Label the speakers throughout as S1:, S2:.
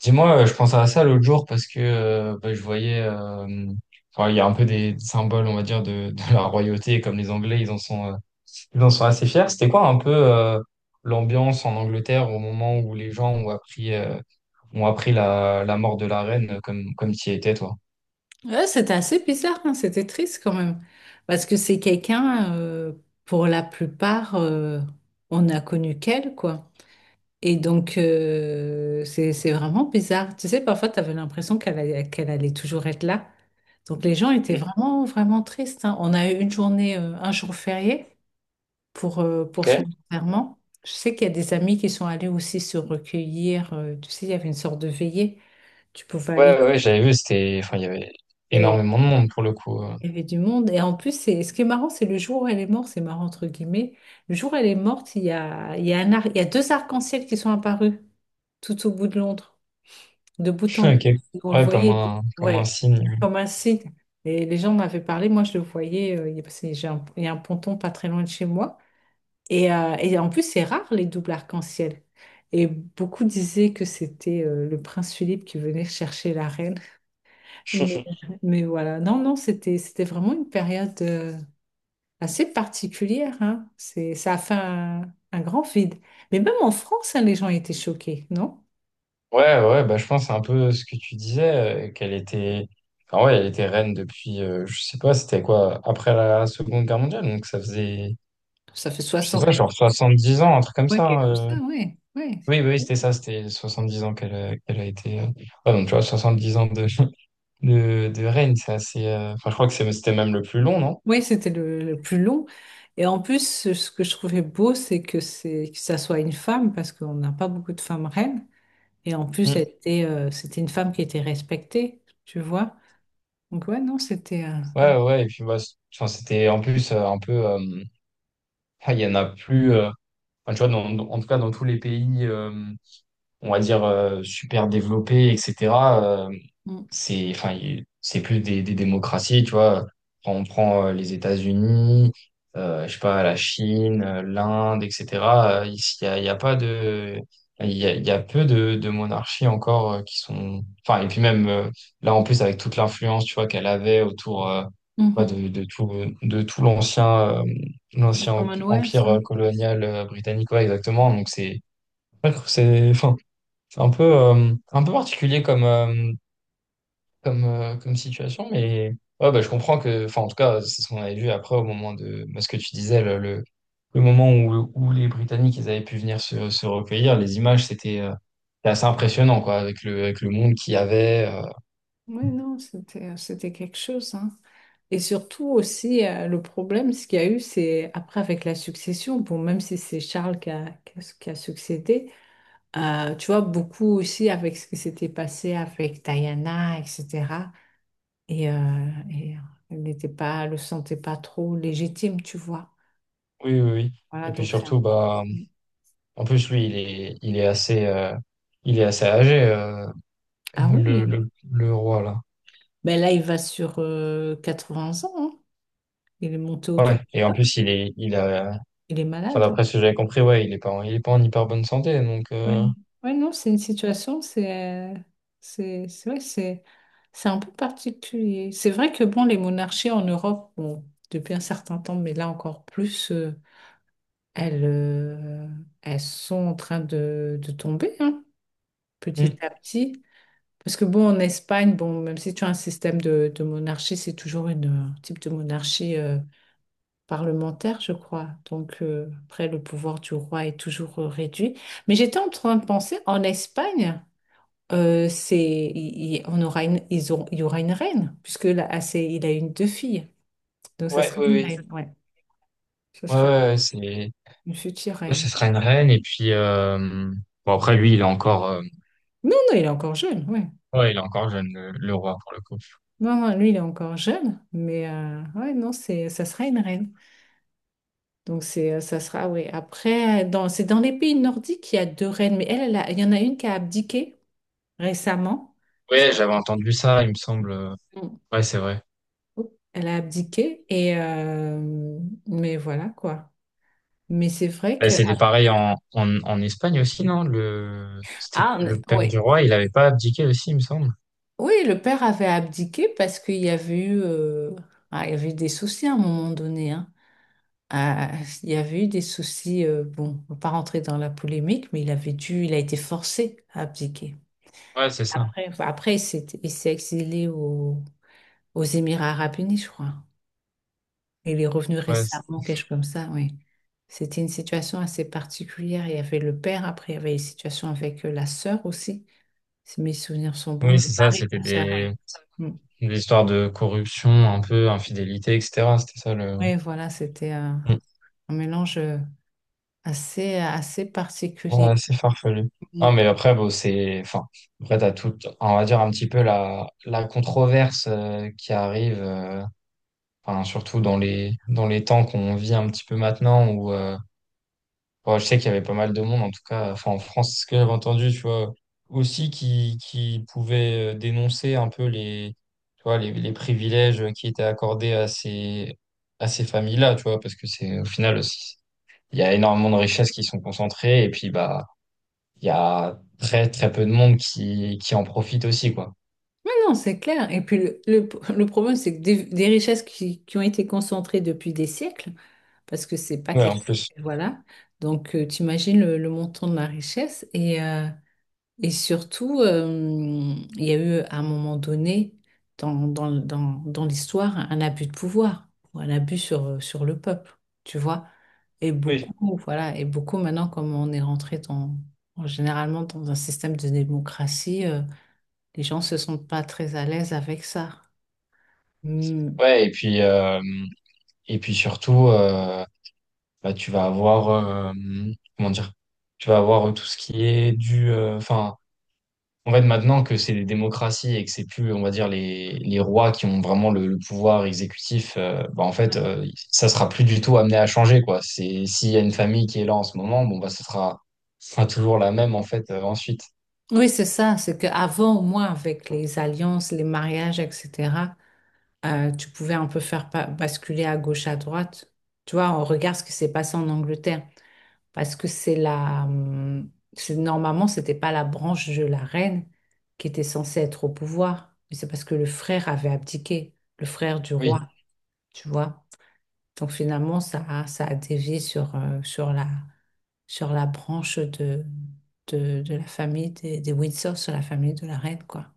S1: Dis-moi, je pensais à ça l'autre jour parce que bah, je voyais, enfin, il y a un peu des symboles, on va dire, de la royauté, comme les Anglais, ils en sont assez fiers. C'était quoi un peu l'ambiance en Angleterre au moment où les gens ont appris la mort de la reine, comme tu y étais, toi?
S2: Ouais, c'était assez bizarre, hein. C'était triste quand même. Parce que c'est quelqu'un, pour la plupart, on n'a connu qu'elle, quoi. Et donc, c'est vraiment bizarre. Tu sais, parfois, tu avais l'impression qu'elle allait toujours être là. Donc, les gens étaient
S1: Mm.
S2: vraiment, vraiment tristes, hein. On a eu un jour férié pour, euh,
S1: Ok.
S2: pour son
S1: Ouais,
S2: enterrement. Je sais qu'il y a des amis qui sont allés aussi se recueillir. Tu sais, il y avait une sorte de veillée. Tu pouvais aller.
S1: ouais, ouais, j'avais vu, c'était, enfin, il y avait énormément de monde pour le coup.
S2: Il y avait du monde. Et en plus, ce qui est marrant, c'est le jour où elle est morte, c'est marrant entre guillemets. Le jour où elle est morte, il y a deux arcs-en-ciel qui sont apparus tout au bout de Londres, de bout en
S1: Ok.
S2: bout. On le
S1: Ouais, comme
S2: voyait,
S1: un, comme un
S2: ouais,
S1: signe.
S2: comme un signe. Et les gens m'avaient parlé, moi je le voyais, parce que il y a un ponton pas très loin de chez moi. Et en plus, c'est rare les doubles arcs-en-ciel. Et beaucoup disaient que c'était le prince Philippe qui venait chercher la reine. Mais, mais voilà, non, non, c'était vraiment une période, assez particulière, hein. Ça a fait un grand vide. Mais même en France, hein, les gens étaient choqués, non?
S1: Ouais, ouais, bah, je pense c'est un peu ce que tu disais, qu'elle était, enfin, ouais, elle était reine depuis, je sais pas, c'était quoi, après la Seconde Guerre mondiale, donc ça faisait,
S2: Ça fait
S1: je sais
S2: soixante
S1: pas, genre 70 ans, un truc comme
S2: mois
S1: ça,
S2: quelque chose
S1: hein.
S2: comme ça, ouais, ouais.
S1: Oui, oui, oui, c'était ça, c'était 70 ans qu'elle a été. Ouais, donc tu vois, 70 ans de, de reine, c'est assez. Enfin, je crois que c'était même le plus long, non?
S2: Oui, c'était le plus long. Et en plus, ce que je trouvais beau, c'est que ça soit une femme, parce qu'on n'a pas beaucoup de femmes reines. Et en plus,
S1: Mm.
S2: c'était une femme qui était respectée, tu vois. Donc ouais, non,
S1: Ouais, ouais, et puis bah, enfin, c'était en plus un peu. Il y en a plus. Enfin, tu vois, en tout cas, dans tous les pays. On va dire, super développées, etc., euh,
S2: Mm.
S1: c'est, enfin, c'est plus des démocraties, tu vois. Quand on prend les États-Unis, je sais pas, la Chine, l'Inde, etc., ici, il y a pas de... Il y a peu de monarchies encore qui sont... Enfin, et puis même, là, en plus, avec toute l'influence, tu vois, qu'elle avait autour... bah,
S2: Mhm.
S1: de tout l'ancien
S2: Du Commonwealth.
S1: empire
S2: Ouais,
S1: colonial britannique, ouais, exactement. Donc, enfin, c'est un peu particulier comme situation, mais ouais, bah, je comprends que, enfin, en tout cas, c'est ce qu'on avait vu après au moment de bah, ce que tu disais, le moment où les Britanniques ils avaient pu venir se recueillir. Les images, c'était assez impressionnant, quoi, avec le monde qu'il y avait.
S2: ouais, non, c'était c'était quelque chose. Hein. Et surtout aussi, le problème, ce qu'il y a eu, c'est après avec la succession, bon, même si c'est Charles qui a succédé, tu vois, beaucoup aussi avec ce qui s'était passé avec Diana, etc. Et, euh, et euh, elle le sentait pas trop légitime, tu vois.
S1: Oui, oui, oui. Et
S2: Voilà,
S1: puis
S2: donc c'est un...
S1: surtout, bah, en plus, lui, il est assez âgé,
S2: Ah oui,
S1: le roi, là.
S2: ben là, il va sur 80 ans, hein. Il est monté au
S1: Ouais.
S2: trône.
S1: Et en plus, il est, il a,
S2: Il est
S1: Enfin,
S2: malade, hein.
S1: d'après ce que j'avais compris, ouais, il est pas en hyper bonne santé, donc
S2: Oui, ouais, non, c'est une situation, c'est vrai, c'est un peu particulier. C'est vrai que bon, les monarchies en Europe, bon, depuis un certain temps, mais là encore plus, elles, euh, elles sont en train de tomber, hein, petit
S1: hmm.
S2: à petit. Parce que bon, en Espagne, bon, même si tu as un système de monarchie, c'est toujours un type de monarchie parlementaire, je crois. Donc après, le pouvoir du roi est toujours réduit. Mais j'étais en train de penser, en Espagne c'est, il- on aura une, ils auront- il y aura une reine, puisque là, ah, il a une deux filles. Donc, ça
S1: Ouais,
S2: sera
S1: oui,
S2: une
S1: oui.
S2: reine, ouais. Ce
S1: Ouais, ouais,
S2: sera
S1: ouais, c'est, ouais,
S2: une future reine.
S1: ce
S2: Ouais.
S1: sera une reine et puis bon, après, lui, il est encore
S2: Non, non, il est encore jeune, ouais.
S1: ouais, il est encore jeune, le roi pour le coup.
S2: Non, non, lui, il est encore jeune, mais ouais, non, ça sera une reine. Donc, ça sera, ouais. Après, c'est dans les pays nordiques qu'il y a deux reines, mais il y en a une qui a abdiqué récemment. Je-
S1: Ouais, j'avais entendu ça, il me semble. Ouais, c'est vrai.
S2: Oups, elle a abdiqué, et, mais voilà, quoi. Mais c'est vrai
S1: Ouais,
S2: que...
S1: c'était pareil en, en Espagne aussi, non? Le C'était
S2: Ah,
S1: le père
S2: ouais.
S1: du roi, il avait pas abdiqué aussi, il me semble.
S2: Oui, le père avait abdiqué parce qu'il y avait eu, il y avait eu des soucis à un moment donné, hein. Ah, il y avait eu des soucis, bon, on va pas rentrer dans la polémique, mais il a été forcé à abdiquer.
S1: Ouais, c'est ça.
S2: Après, enfin, après, il s'est exilé aux Émirats arabes unis, je crois. Il est revenu
S1: Ouais,
S2: récemment, quelque chose comme ça, oui. C'était une situation assez particulière. Il y avait le père, après, il y avait une situation avec la sœur aussi, si mes souvenirs sont bons,
S1: oui, c'est
S2: le
S1: ça,
S2: mari de
S1: c'était
S2: la sœur.
S1: des
S2: Ouais. Mm.
S1: histoires de corruption, un peu infidélité, etc. C'était ça le.
S2: Oui, voilà, c'était un mélange assez, assez particulier.
S1: Ouais, c'est farfelu.
S2: Mm.
S1: Non, mais après, bon, c'est, enfin, après, t'as tout, on va dire un petit peu la controverse qui arrive, enfin, surtout dans les temps qu'on vit un petit peu maintenant où bon, je sais qu'il y avait pas mal de monde, en tout cas, enfin, en France, ce que j'avais entendu, tu vois, aussi qui pouvait dénoncer un peu les, tu vois, les privilèges qui étaient accordés à ces familles-là, tu vois, parce que c'est, au final, il y a énormément de richesses qui sont concentrées et puis, bah, il y a très très peu de monde qui en profite aussi, quoi.
S2: Mais non, c'est clair. Et puis, le problème, c'est que des richesses qui ont été concentrées depuis des siècles, parce que c'est pas
S1: Ouais, en
S2: quelque chose.
S1: plus.
S2: Voilà. Donc, tu imagines le montant de la richesse. Et surtout, il y a eu à un moment donné dans l'histoire un abus de pouvoir, ou un abus sur le peuple, tu vois. Et
S1: Oui.
S2: beaucoup, voilà, et beaucoup maintenant, comme on est rentré généralement dans un système de démocratie, les gens se sentent pas très à l'aise avec ça. Hmm.
S1: Ouais, et puis, et puis surtout, bah, tu vas avoir, comment dire, tu vas avoir tout ce qui est du, enfin, en fait, maintenant que c'est des démocraties et que c'est plus, on va dire, les rois qui ont vraiment le pouvoir exécutif, bah, en fait, ça sera plus du tout amené à changer, quoi. C'est, s'il y a une famille qui est là en ce moment, bon, bah, ça sera toujours la même, en fait, ensuite.
S2: Oui, c'est ça, c'est qu'avant, au moins, avec les alliances, les mariages, etc., tu pouvais un peu faire basculer à gauche, à droite. Tu vois, on regarde ce qui s'est passé en Angleterre. Parce que normalement, c'était pas la branche de la reine qui était censée être au pouvoir. Mais c'est parce que le frère avait abdiqué, le frère du
S1: Oui,
S2: roi, tu vois. Donc finalement, ça a dévié sur la branche de la famille des Windsor, sur la famille de la reine, quoi.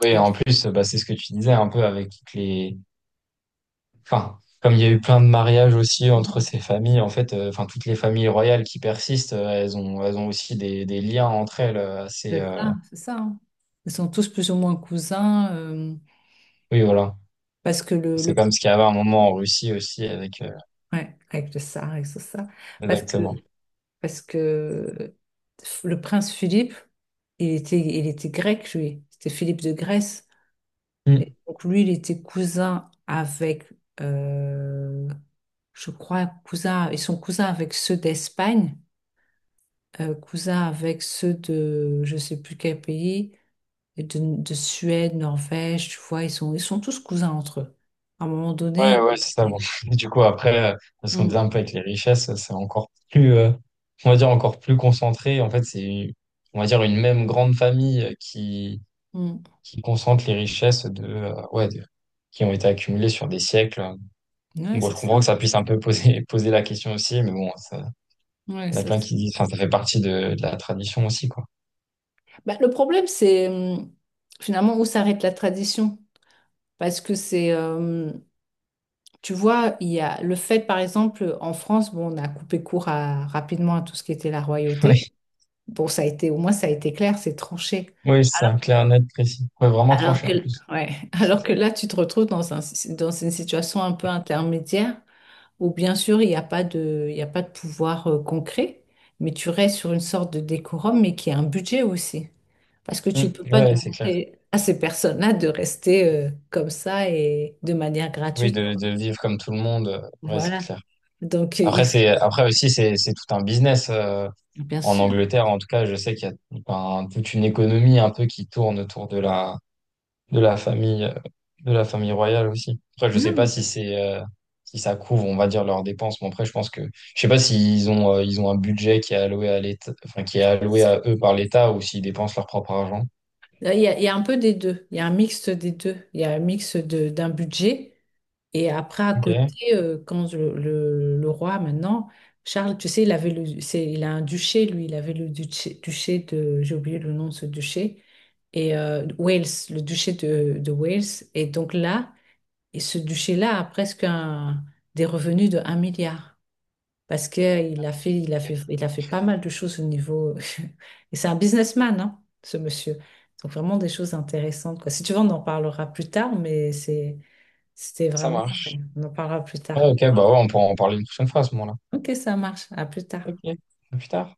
S1: oui, en plus, bah, c'est ce que tu disais un peu avec toutes les. Enfin, comme il y a eu plein de mariages aussi entre
S2: Hein.
S1: ces familles, en fait, enfin, toutes les familles royales qui persistent, elles ont aussi des liens entre elles assez.
S2: C'est ça, c'est ça. Hein. Ils sont tous plus ou moins cousins
S1: Oui, voilà.
S2: parce que
S1: C'est comme ce qu'il y avait un moment en Russie aussi avec.
S2: ouais, avec le ça, avec ce ça, parce que
S1: Exactement.
S2: parce que le prince Philippe, il était grec lui, c'était Philippe de Grèce.
S1: Mm.
S2: Et donc lui, il était cousin avec euh, je crois cousin, ils sont cousins avec ceux d'Espagne, cousins avec ceux de je sais plus quel pays. Et de Suède, Norvège, tu vois, ils sont tous cousins entre eux. À un moment
S1: Ouais,
S2: donné.
S1: ouais, c'est ça. Bon. Du coup, après, parce qu'on disait
S2: Mm,
S1: un peu avec les richesses, c'est encore plus. On va dire encore plus concentré. En fait, c'est, on va dire, une même grande famille qui
S2: mm.
S1: qui concentre les richesses de, ouais, qui ont été accumulées sur des siècles.
S2: Ouais,
S1: Bon,
S2: c'est
S1: je comprends
S2: ça.
S1: que ça puisse un peu poser, poser la question aussi, mais bon, ça,
S2: Ouais,
S1: on a
S2: ça
S1: plein
S2: c'est-
S1: qui disent, enfin, ça fait partie de la tradition aussi, quoi.
S2: Bah, le problème, c'est finalement où s'arrête la tradition. Parce que tu vois, il y a le fait, par exemple, en France, bon, on a coupé court rapidement à tout ce qui était la royauté. Bon, ça a été, au moins, ça a été clair, c'est tranché.
S1: Oui, oui, c'est
S2: Alors
S1: ça,
S2: que,
S1: clair, net, précis. Ouais, vraiment
S2: alors
S1: tranché
S2: que,
S1: en plus.
S2: ouais, alors que là, tu te retrouves dans une situation un peu intermédiaire. Ou bien sûr il n'y a pas de, il n'y a pas de pouvoir concret, mais tu restes sur une sorte de décorum, mais qui a un budget aussi. Parce que
S1: Mm.
S2: tu ne peux
S1: Ouais,
S2: pas
S1: ouais, c'est clair.
S2: demander à ces personnes-là de rester comme ça et de manière
S1: Oui,
S2: gratuite.
S1: de vivre comme tout le monde, ouais, c'est
S2: Voilà.
S1: clair.
S2: Donc,
S1: Après,
S2: il faut,
S1: c'est, après aussi, c'est tout un business.
S2: bien
S1: En
S2: sûr.
S1: Angleterre, en tout cas, je sais qu'il y a, enfin, toute une économie un peu qui tourne autour de la famille, euh, de la famille royale aussi. Après, je sais pas
S2: Non.
S1: si ça couvre, on va dire, leurs dépenses, mais après, je pense que, je sais pas ils ont un budget qui est alloué à l'État, enfin, qui est alloué à eux par l'État ou s'ils dépensent leur propre argent.
S2: Là, il y a un peu des deux. Il y a un mixte des deux. Il y a un mix d'un budget. Et après, à
S1: Ok,
S2: côté, quand le roi, maintenant, Charles, tu sais, il avait le, c'est, il a un duché, lui, il avait le duché, duché de, j'ai oublié le nom de ce duché, et Wales, le duché de Wales. Et donc là, et ce duché-là a presque des revenus de 1 milliard. Parce qu'il a fait, il a fait, il a fait pas mal de choses au niveau. Et c'est un businessman, hein, ce monsieur. Donc vraiment des choses intéressantes, quoi. Si tu veux, on en parlera plus tard, C'était
S1: ça
S2: vraiment... Ouais,
S1: marche.
S2: on en parlera plus tard.
S1: Ah, ok, bah ouais, on pourra en parler une prochaine fois à ce moment-là.
S2: Ok, ça marche. À plus
S1: Ok,
S2: tard.
S1: à plus tard.